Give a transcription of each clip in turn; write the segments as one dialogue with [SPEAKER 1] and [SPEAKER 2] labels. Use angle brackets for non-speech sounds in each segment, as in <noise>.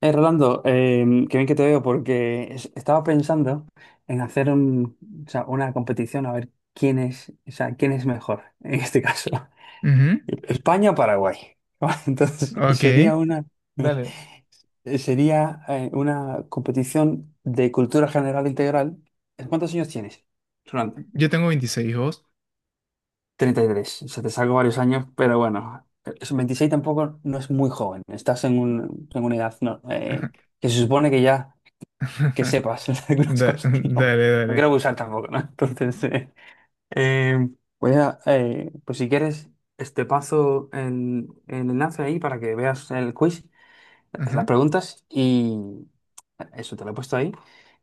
[SPEAKER 1] Rolando, qué bien que te veo porque estaba pensando en hacer una competición a ver quién es, o sea, quién es mejor <laughs> en este caso.
[SPEAKER 2] Ujú.
[SPEAKER 1] <laughs> España o Paraguay. <laughs> Entonces,
[SPEAKER 2] Ok. Dale.
[SPEAKER 1] <laughs> sería una competición de cultura general integral. ¿Cuántos años tienes, Rolando?
[SPEAKER 2] Yo tengo 26 hijos.
[SPEAKER 1] 33. O sea, te salgo varios años, pero bueno, 26 tampoco no es muy joven. Estás en una edad no,
[SPEAKER 2] Ajá.
[SPEAKER 1] que se supone que ya que sepas <laughs>
[SPEAKER 2] <laughs>
[SPEAKER 1] algunas cosas. No,
[SPEAKER 2] Dale,
[SPEAKER 1] no quiero
[SPEAKER 2] dale.
[SPEAKER 1] abusar tampoco, ¿no? Entonces, eh, voy a pues si quieres, este paso el enlace ahí para que veas el quiz, las
[SPEAKER 2] Ajá.
[SPEAKER 1] preguntas y eso te lo he puesto ahí.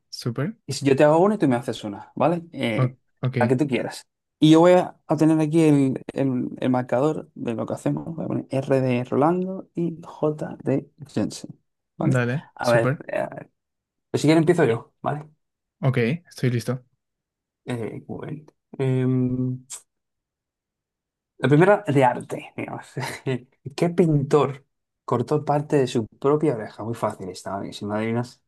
[SPEAKER 2] Súper.
[SPEAKER 1] Y si yo te hago una y tú me haces una, ¿vale?
[SPEAKER 2] Ok.
[SPEAKER 1] La que tú quieras. Y yo voy a tener aquí el marcador de lo que hacemos. Voy a poner R de Rolando y J de Jensen, ¿vale?
[SPEAKER 2] Dale.
[SPEAKER 1] A ver,
[SPEAKER 2] Súper.
[SPEAKER 1] pues si quieres empiezo yo, ¿vale?
[SPEAKER 2] Ok. Estoy listo.
[SPEAKER 1] Bueno, em, la primera de arte, digamos. <laughs> ¿Qué pintor cortó parte de su propia oreja? Muy fácil estaba bien, si me adivinas.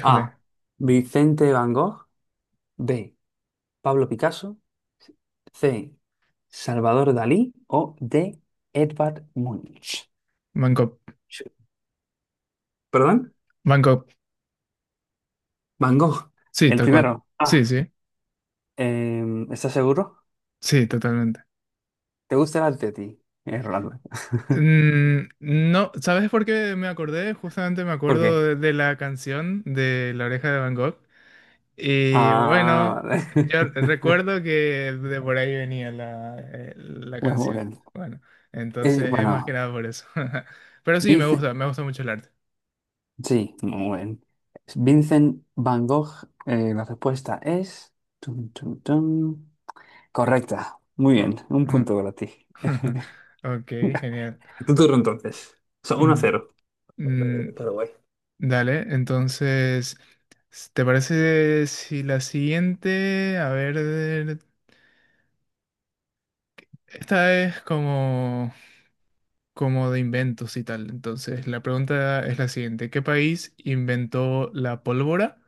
[SPEAKER 1] A. Vicente Van Gogh. B. Pablo Picasso. C. Salvador Dalí. O D. Edvard Munch.
[SPEAKER 2] Bangkok.
[SPEAKER 1] Sí. ¿Perdón?
[SPEAKER 2] Bangkok.
[SPEAKER 1] Van Gogh.
[SPEAKER 2] Sí,
[SPEAKER 1] El
[SPEAKER 2] tal cual.
[SPEAKER 1] primero.
[SPEAKER 2] Sí, sí.
[SPEAKER 1] ¿Estás seguro?
[SPEAKER 2] Sí, totalmente.
[SPEAKER 1] ¿Te gusta el arte a ti, Rolando? <laughs>
[SPEAKER 2] No, ¿sabes por qué me acordé? Justamente me
[SPEAKER 1] ¿Por
[SPEAKER 2] acuerdo
[SPEAKER 1] qué?
[SPEAKER 2] de la canción de La Oreja de Bangkok. Y
[SPEAKER 1] Ah,
[SPEAKER 2] bueno,
[SPEAKER 1] vale.
[SPEAKER 2] yo
[SPEAKER 1] <laughs>
[SPEAKER 2] recuerdo que de por ahí venía la
[SPEAKER 1] Bueno, muy
[SPEAKER 2] canción.
[SPEAKER 1] bien.
[SPEAKER 2] Bueno,
[SPEAKER 1] Eh,
[SPEAKER 2] entonces es más que
[SPEAKER 1] bueno,
[SPEAKER 2] nada por eso. <laughs> Pero sí,
[SPEAKER 1] Vincent,
[SPEAKER 2] me gusta mucho el arte.
[SPEAKER 1] sí, muy bien. Vincent Van Gogh, la respuesta es... tun, tun, tun. Correcta. Muy
[SPEAKER 2] Ah,
[SPEAKER 1] bien, un
[SPEAKER 2] ajá.
[SPEAKER 1] punto para ti.
[SPEAKER 2] <laughs>
[SPEAKER 1] <laughs>
[SPEAKER 2] Ok, genial.
[SPEAKER 1] Tu turno entonces. Son 1
[SPEAKER 2] Mm,
[SPEAKER 1] cero.
[SPEAKER 2] mm,
[SPEAKER 1] Paraguay.
[SPEAKER 2] Dale, entonces, ¿te parece si la siguiente, a ver, esta es como de inventos y tal? Entonces, la pregunta es la siguiente. ¿Qué país inventó la pólvora?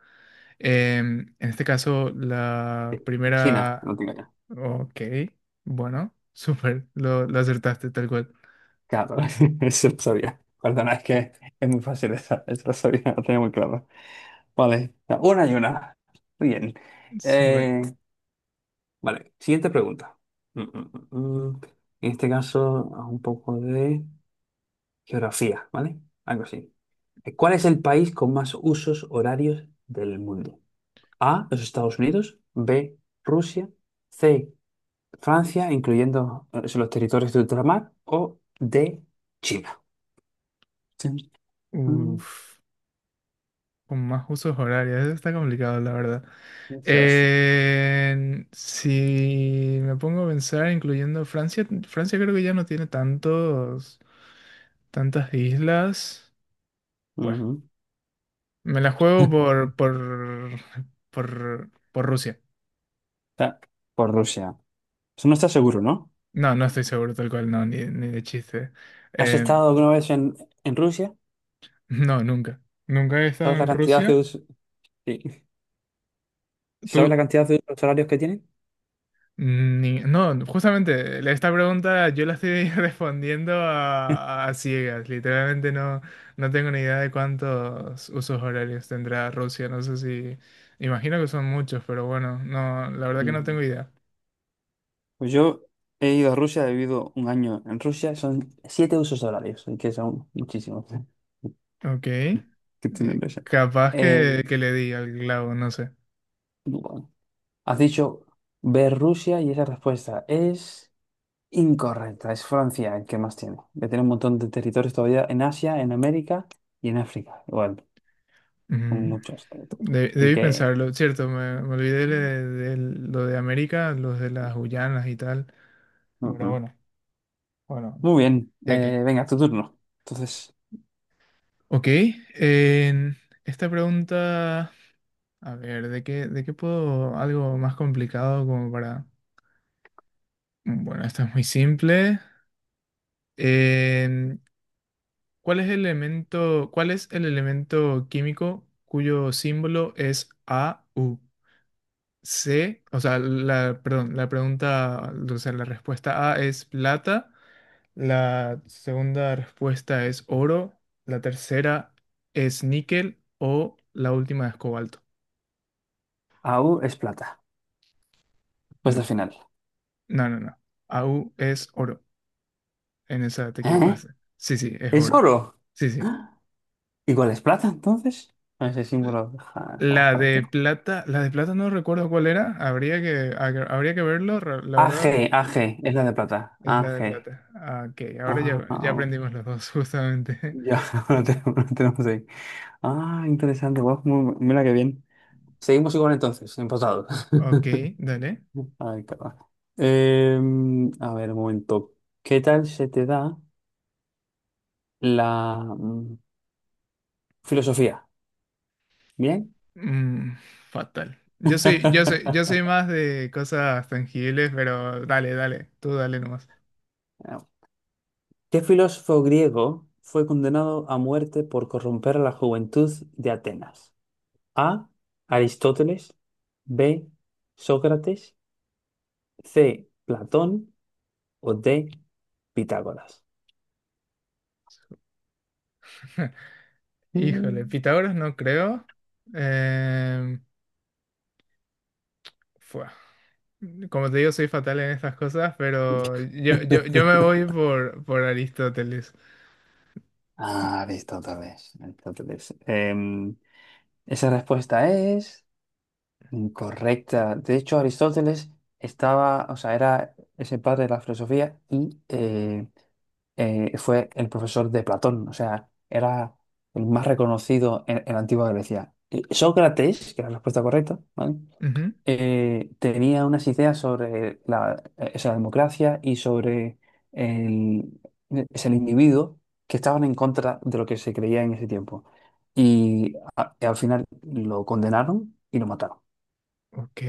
[SPEAKER 2] En este caso, la
[SPEAKER 1] China, no
[SPEAKER 2] primera...
[SPEAKER 1] tengo ya.
[SPEAKER 2] Ok, bueno, <laughs> súper, lo acertaste tal cual.
[SPEAKER 1] Claro, <laughs> eso lo sabía. Perdona, es que es muy fácil esa, eso lo sabía, lo tenía muy claro. Vale, una y una. Muy bien.
[SPEAKER 2] Súper.
[SPEAKER 1] Eh, Vale, siguiente pregunta. Mm, mm, mm, mm. En este caso, haz un poco de geografía, ¿vale? Algo así. ¿Cuál es el país con más usos horarios del mundo? A, los Estados Unidos, B, Rusia, C, Francia, incluyendo los territorios de ultramar, o D, China. Chin, mm,
[SPEAKER 2] Uf, con más usos horarios, eso está complicado, la verdad.
[SPEAKER 1] Eso es.
[SPEAKER 2] Si me pongo a pensar, incluyendo Francia, Francia creo que ya no tiene tantas islas. Bueno,
[SPEAKER 1] Ujú.
[SPEAKER 2] me la juego
[SPEAKER 1] <laughs>
[SPEAKER 2] por Rusia.
[SPEAKER 1] Está. Por Rusia. Eso no está seguro, ¿no?
[SPEAKER 2] No, no estoy seguro tal cual, no, ni de chiste.
[SPEAKER 1] ¿Has
[SPEAKER 2] Eh,
[SPEAKER 1] estado alguna vez en Rusia?
[SPEAKER 2] No, nunca. Nunca he estado
[SPEAKER 1] ¿Sabes la
[SPEAKER 2] en
[SPEAKER 1] cantidad de
[SPEAKER 2] Rusia.
[SPEAKER 1] usos? Sí. ¿Sabes la
[SPEAKER 2] Tú,
[SPEAKER 1] cantidad de euros horarios que tienen?
[SPEAKER 2] ni... No, justamente, esta pregunta yo la estoy <laughs> respondiendo a ciegas. Literalmente no, no tengo ni idea de cuántos usos horarios tendrá Rusia. No sé si... Imagino que son muchos, pero bueno, no, la verdad que no
[SPEAKER 1] Ujú.
[SPEAKER 2] tengo idea.
[SPEAKER 1] Pues yo he ido a Rusia, he vivido 1 año en Rusia, son 7 usos horarios, que son muchísimos <laughs>
[SPEAKER 2] Ok.
[SPEAKER 1] que tiene Rusia.
[SPEAKER 2] Capaz
[SPEAKER 1] Eh,
[SPEAKER 2] que le di al clavo, no sé.
[SPEAKER 1] bueno, has dicho ver Rusia y esa respuesta es incorrecta, es Francia el que más tiene, que tiene un montón de territorios todavía en Asia, en América y en África, igual, son
[SPEAKER 2] Mm,
[SPEAKER 1] muchos territorios. Así
[SPEAKER 2] Debí
[SPEAKER 1] que,
[SPEAKER 2] pensarlo. Cierto, me olvidé de lo de América, los de las Guyanas y tal. Bueno,
[SPEAKER 1] ujú.
[SPEAKER 2] bueno. Bueno,
[SPEAKER 1] Muy bien,
[SPEAKER 2] ya que.
[SPEAKER 1] venga, tu turno. Entonces,
[SPEAKER 2] Ok. En esta pregunta. A ver, de qué puedo? Algo más complicado como para... Bueno, esta es muy simple. En, cuál es el elemento químico cuyo símbolo es Au? C, o sea, la pregunta, o sea, la respuesta A es plata. La segunda respuesta es oro, la tercera es níquel o la última es cobalto.
[SPEAKER 1] AU es plata, pues
[SPEAKER 2] No,
[SPEAKER 1] al final.
[SPEAKER 2] no, no, no. Au es oro. En esa te
[SPEAKER 1] ¿Eh?
[SPEAKER 2] equivocaste. Sí, sí, es
[SPEAKER 1] ¿Es
[SPEAKER 2] oro.
[SPEAKER 1] oro?
[SPEAKER 2] Sí, sí.
[SPEAKER 1] ¡Ah! ¿Y cuál es plata entonces? Ese
[SPEAKER 2] L-
[SPEAKER 1] símbolo, ja, vamos para aquí.
[SPEAKER 2] La de plata no recuerdo cuál era. Habría que verlo. La verdad
[SPEAKER 1] AG, es la de plata.
[SPEAKER 2] es la de
[SPEAKER 1] AG.
[SPEAKER 2] plata. Ah, ok, ahora
[SPEAKER 1] Ah,
[SPEAKER 2] ya
[SPEAKER 1] ah,
[SPEAKER 2] aprendimos los dos, <laughs> justamente.
[SPEAKER 1] ya, <laughs> lo tenemos ahí. Ah, interesante, guau, mira qué bien. Seguimos igual entonces, empatados.
[SPEAKER 2] Ok,
[SPEAKER 1] <laughs>
[SPEAKER 2] dale.
[SPEAKER 1] Ay, cabrón. A ver, un momento. ¿Qué tal se te da la filosofía? ¿Bien?
[SPEAKER 2] Mm, Fatal. Yo soy
[SPEAKER 1] <laughs>
[SPEAKER 2] más de cosas tangibles, pero dale, dale, tú dale nomás.
[SPEAKER 1] Ah, ¿qué filósofo griego fue condenado a muerte por corromper a la juventud de Atenas? A. Aristóteles. B. Sócrates. C. Platón. O D. Pitágoras.
[SPEAKER 2] Híjole,
[SPEAKER 1] Mm.
[SPEAKER 2] Pitágoras no creo. Em, Fua. Como te digo, soy fatal en estas cosas, pero yo me voy
[SPEAKER 1] <laughs>
[SPEAKER 2] por Aristóteles.
[SPEAKER 1] Aristóteles. Aristóteles. Esa respuesta es incorrecta. De hecho, Aristóteles estaba, o sea, era ese padre de la filosofía y fue el profesor de Platón, o sea, era el más reconocido en la antigua Grecia. Y Sócrates, que era la respuesta correcta, ¿vale?
[SPEAKER 2] Ujú,
[SPEAKER 1] Tenía unas ideas sobre o sea, la democracia y sobre el, es el individuo que estaban en contra de lo que se creía en ese tiempo. Y, y al final lo condenaron y lo mataron.
[SPEAKER 2] ok.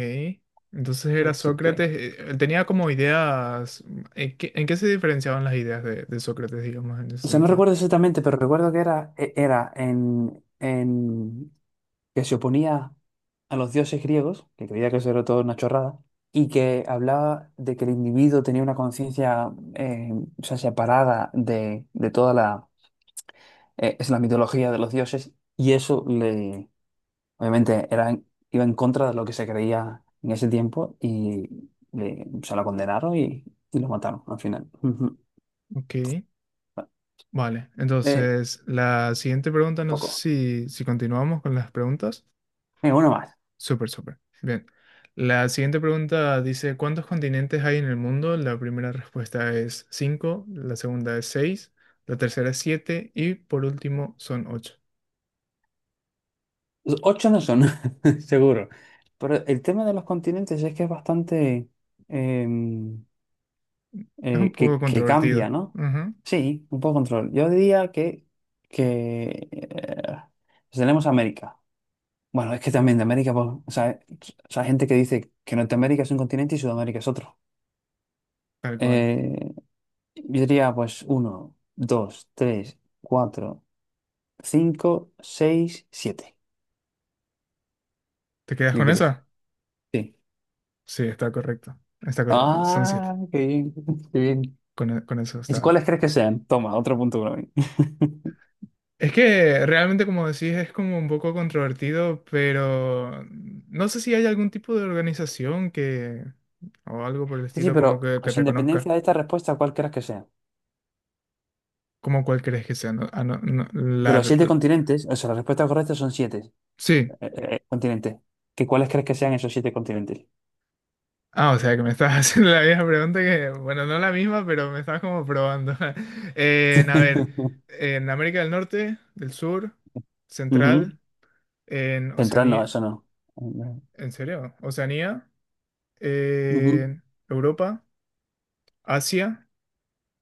[SPEAKER 2] Entonces era
[SPEAKER 1] Así que,
[SPEAKER 2] Sócrates. Tenía como ideas. En qué se diferenciaban las ideas de Sócrates, digamos, en ese
[SPEAKER 1] o sea, no
[SPEAKER 2] sentido?
[SPEAKER 1] recuerdo exactamente, pero recuerdo que era, en que se oponía a los dioses griegos, que creía que eso era todo una chorrada, y que hablaba de que el individuo tenía una conciencia o sea, separada de toda la, es la mitología de los dioses, y eso le, obviamente era, iba en contra de lo que se creía en ese tiempo, y le, o sea, lo condenaron y lo mataron al final. Ujú.
[SPEAKER 2] Ok. Vale,
[SPEAKER 1] Eh,
[SPEAKER 2] entonces la siguiente pregunta, no
[SPEAKER 1] Poco.
[SPEAKER 2] sé si continuamos con las preguntas.
[SPEAKER 1] Venga, uno más.
[SPEAKER 2] Súper, súper. Bien. La siguiente pregunta dice, ¿cuántos continentes hay en el mundo? La primera respuesta es cinco, la segunda es seis, la tercera es 7 y por último son ocho.
[SPEAKER 1] Ocho no son, <laughs> seguro. Pero el tema de los continentes es que es bastante em,
[SPEAKER 2] Es un poco
[SPEAKER 1] que cambia,
[SPEAKER 2] controvertido.
[SPEAKER 1] ¿no?
[SPEAKER 2] Ujú,
[SPEAKER 1] Sí, un poco de control. Yo diría que, que tenemos América. Bueno, es que también de América, pues, o sea, hay gente que dice que Norteamérica es un continente y Sudamérica es otro.
[SPEAKER 2] tal cual.
[SPEAKER 1] Eh, yo diría, pues, uno, dos, tres, cuatro, cinco, seis, 7.
[SPEAKER 2] ¿Te quedas
[SPEAKER 1] ¿Qué
[SPEAKER 2] con
[SPEAKER 1] crees?
[SPEAKER 2] esa?
[SPEAKER 1] Sí.
[SPEAKER 2] Sí, está correcto. Está correcto. Son siete.
[SPEAKER 1] Ah, qué bien, <laughs> qué bien.
[SPEAKER 2] Con eso
[SPEAKER 1] ¿Y
[SPEAKER 2] está.
[SPEAKER 1] cuáles crees que sean? Toma, otro punto para mí. <laughs>
[SPEAKER 2] Es que realmente, como decís, es como un poco controvertido, pero no sé si hay algún tipo de organización o algo por el
[SPEAKER 1] Sí, sí,
[SPEAKER 2] estilo,
[SPEAKER 1] pero,
[SPEAKER 2] como
[SPEAKER 1] o
[SPEAKER 2] que
[SPEAKER 1] sea, en
[SPEAKER 2] reconozca,
[SPEAKER 1] dependencia de esta respuesta, ¿cuál crees que sea?
[SPEAKER 2] como cuál crees que sea. No,
[SPEAKER 1] De los 7 continentes, o sea, la respuesta correcta son siete
[SPEAKER 2] sí.
[SPEAKER 1] continentes. ¿Cuáles crees que sean esos 7 continentes?
[SPEAKER 2] Ah, o sea, que me estás <laughs> haciendo la misma pregunta que, bueno, no la misma, pero me estás como probando. <laughs> A ver,
[SPEAKER 1] <laughs>
[SPEAKER 2] en América del Norte, del Sur,
[SPEAKER 1] Ujú.
[SPEAKER 2] Central, en
[SPEAKER 1] Central no,
[SPEAKER 2] Oceanía.
[SPEAKER 1] eso no.
[SPEAKER 2] ¿En serio? Oceanía,
[SPEAKER 1] Ujú.
[SPEAKER 2] en Europa. Asia.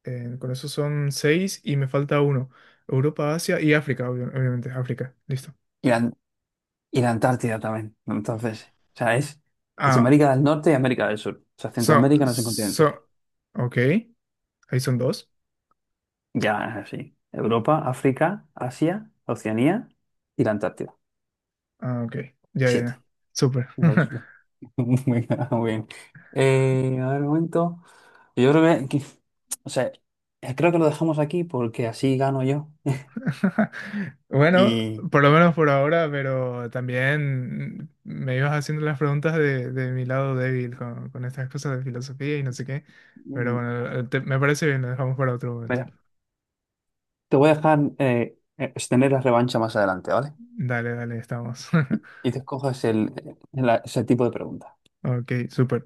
[SPEAKER 2] Con eso son seis y me falta uno. Europa, Asia y África, obviamente. África, listo.
[SPEAKER 1] Y la, y la Antártida también. Entonces, o sea, es
[SPEAKER 2] Ah,
[SPEAKER 1] América del Norte y América del Sur. O sea,
[SPEAKER 2] so,
[SPEAKER 1] Centroamérica no es un continente.
[SPEAKER 2] so, ok. Ahí son dos.
[SPEAKER 1] Ya es así. Europa, África, Asia, Oceanía y la Antártida.
[SPEAKER 2] Ah, ok. Ya, ya,
[SPEAKER 1] 7.
[SPEAKER 2] ya. Súper.
[SPEAKER 1] Igual. Sí. <laughs> Bueno, bueno. A ver, un momento. Yo creo o sea, creo que lo dejamos aquí porque así gano yo.
[SPEAKER 2] <laughs> Bueno,
[SPEAKER 1] Y,
[SPEAKER 2] por lo menos por ahora, pero también me ibas haciendo las preguntas de mi lado débil con estas cosas de filosofía y no sé qué. Pero
[SPEAKER 1] mm,
[SPEAKER 2] bueno, me parece bien, lo dejamos para otro momento.
[SPEAKER 1] Mira, te voy a dejar tener la revancha más adelante, ¿vale?
[SPEAKER 2] Dale, dale, estamos. <laughs>
[SPEAKER 1] Y te escojas ese tipo de preguntas.
[SPEAKER 2] Ok, súper.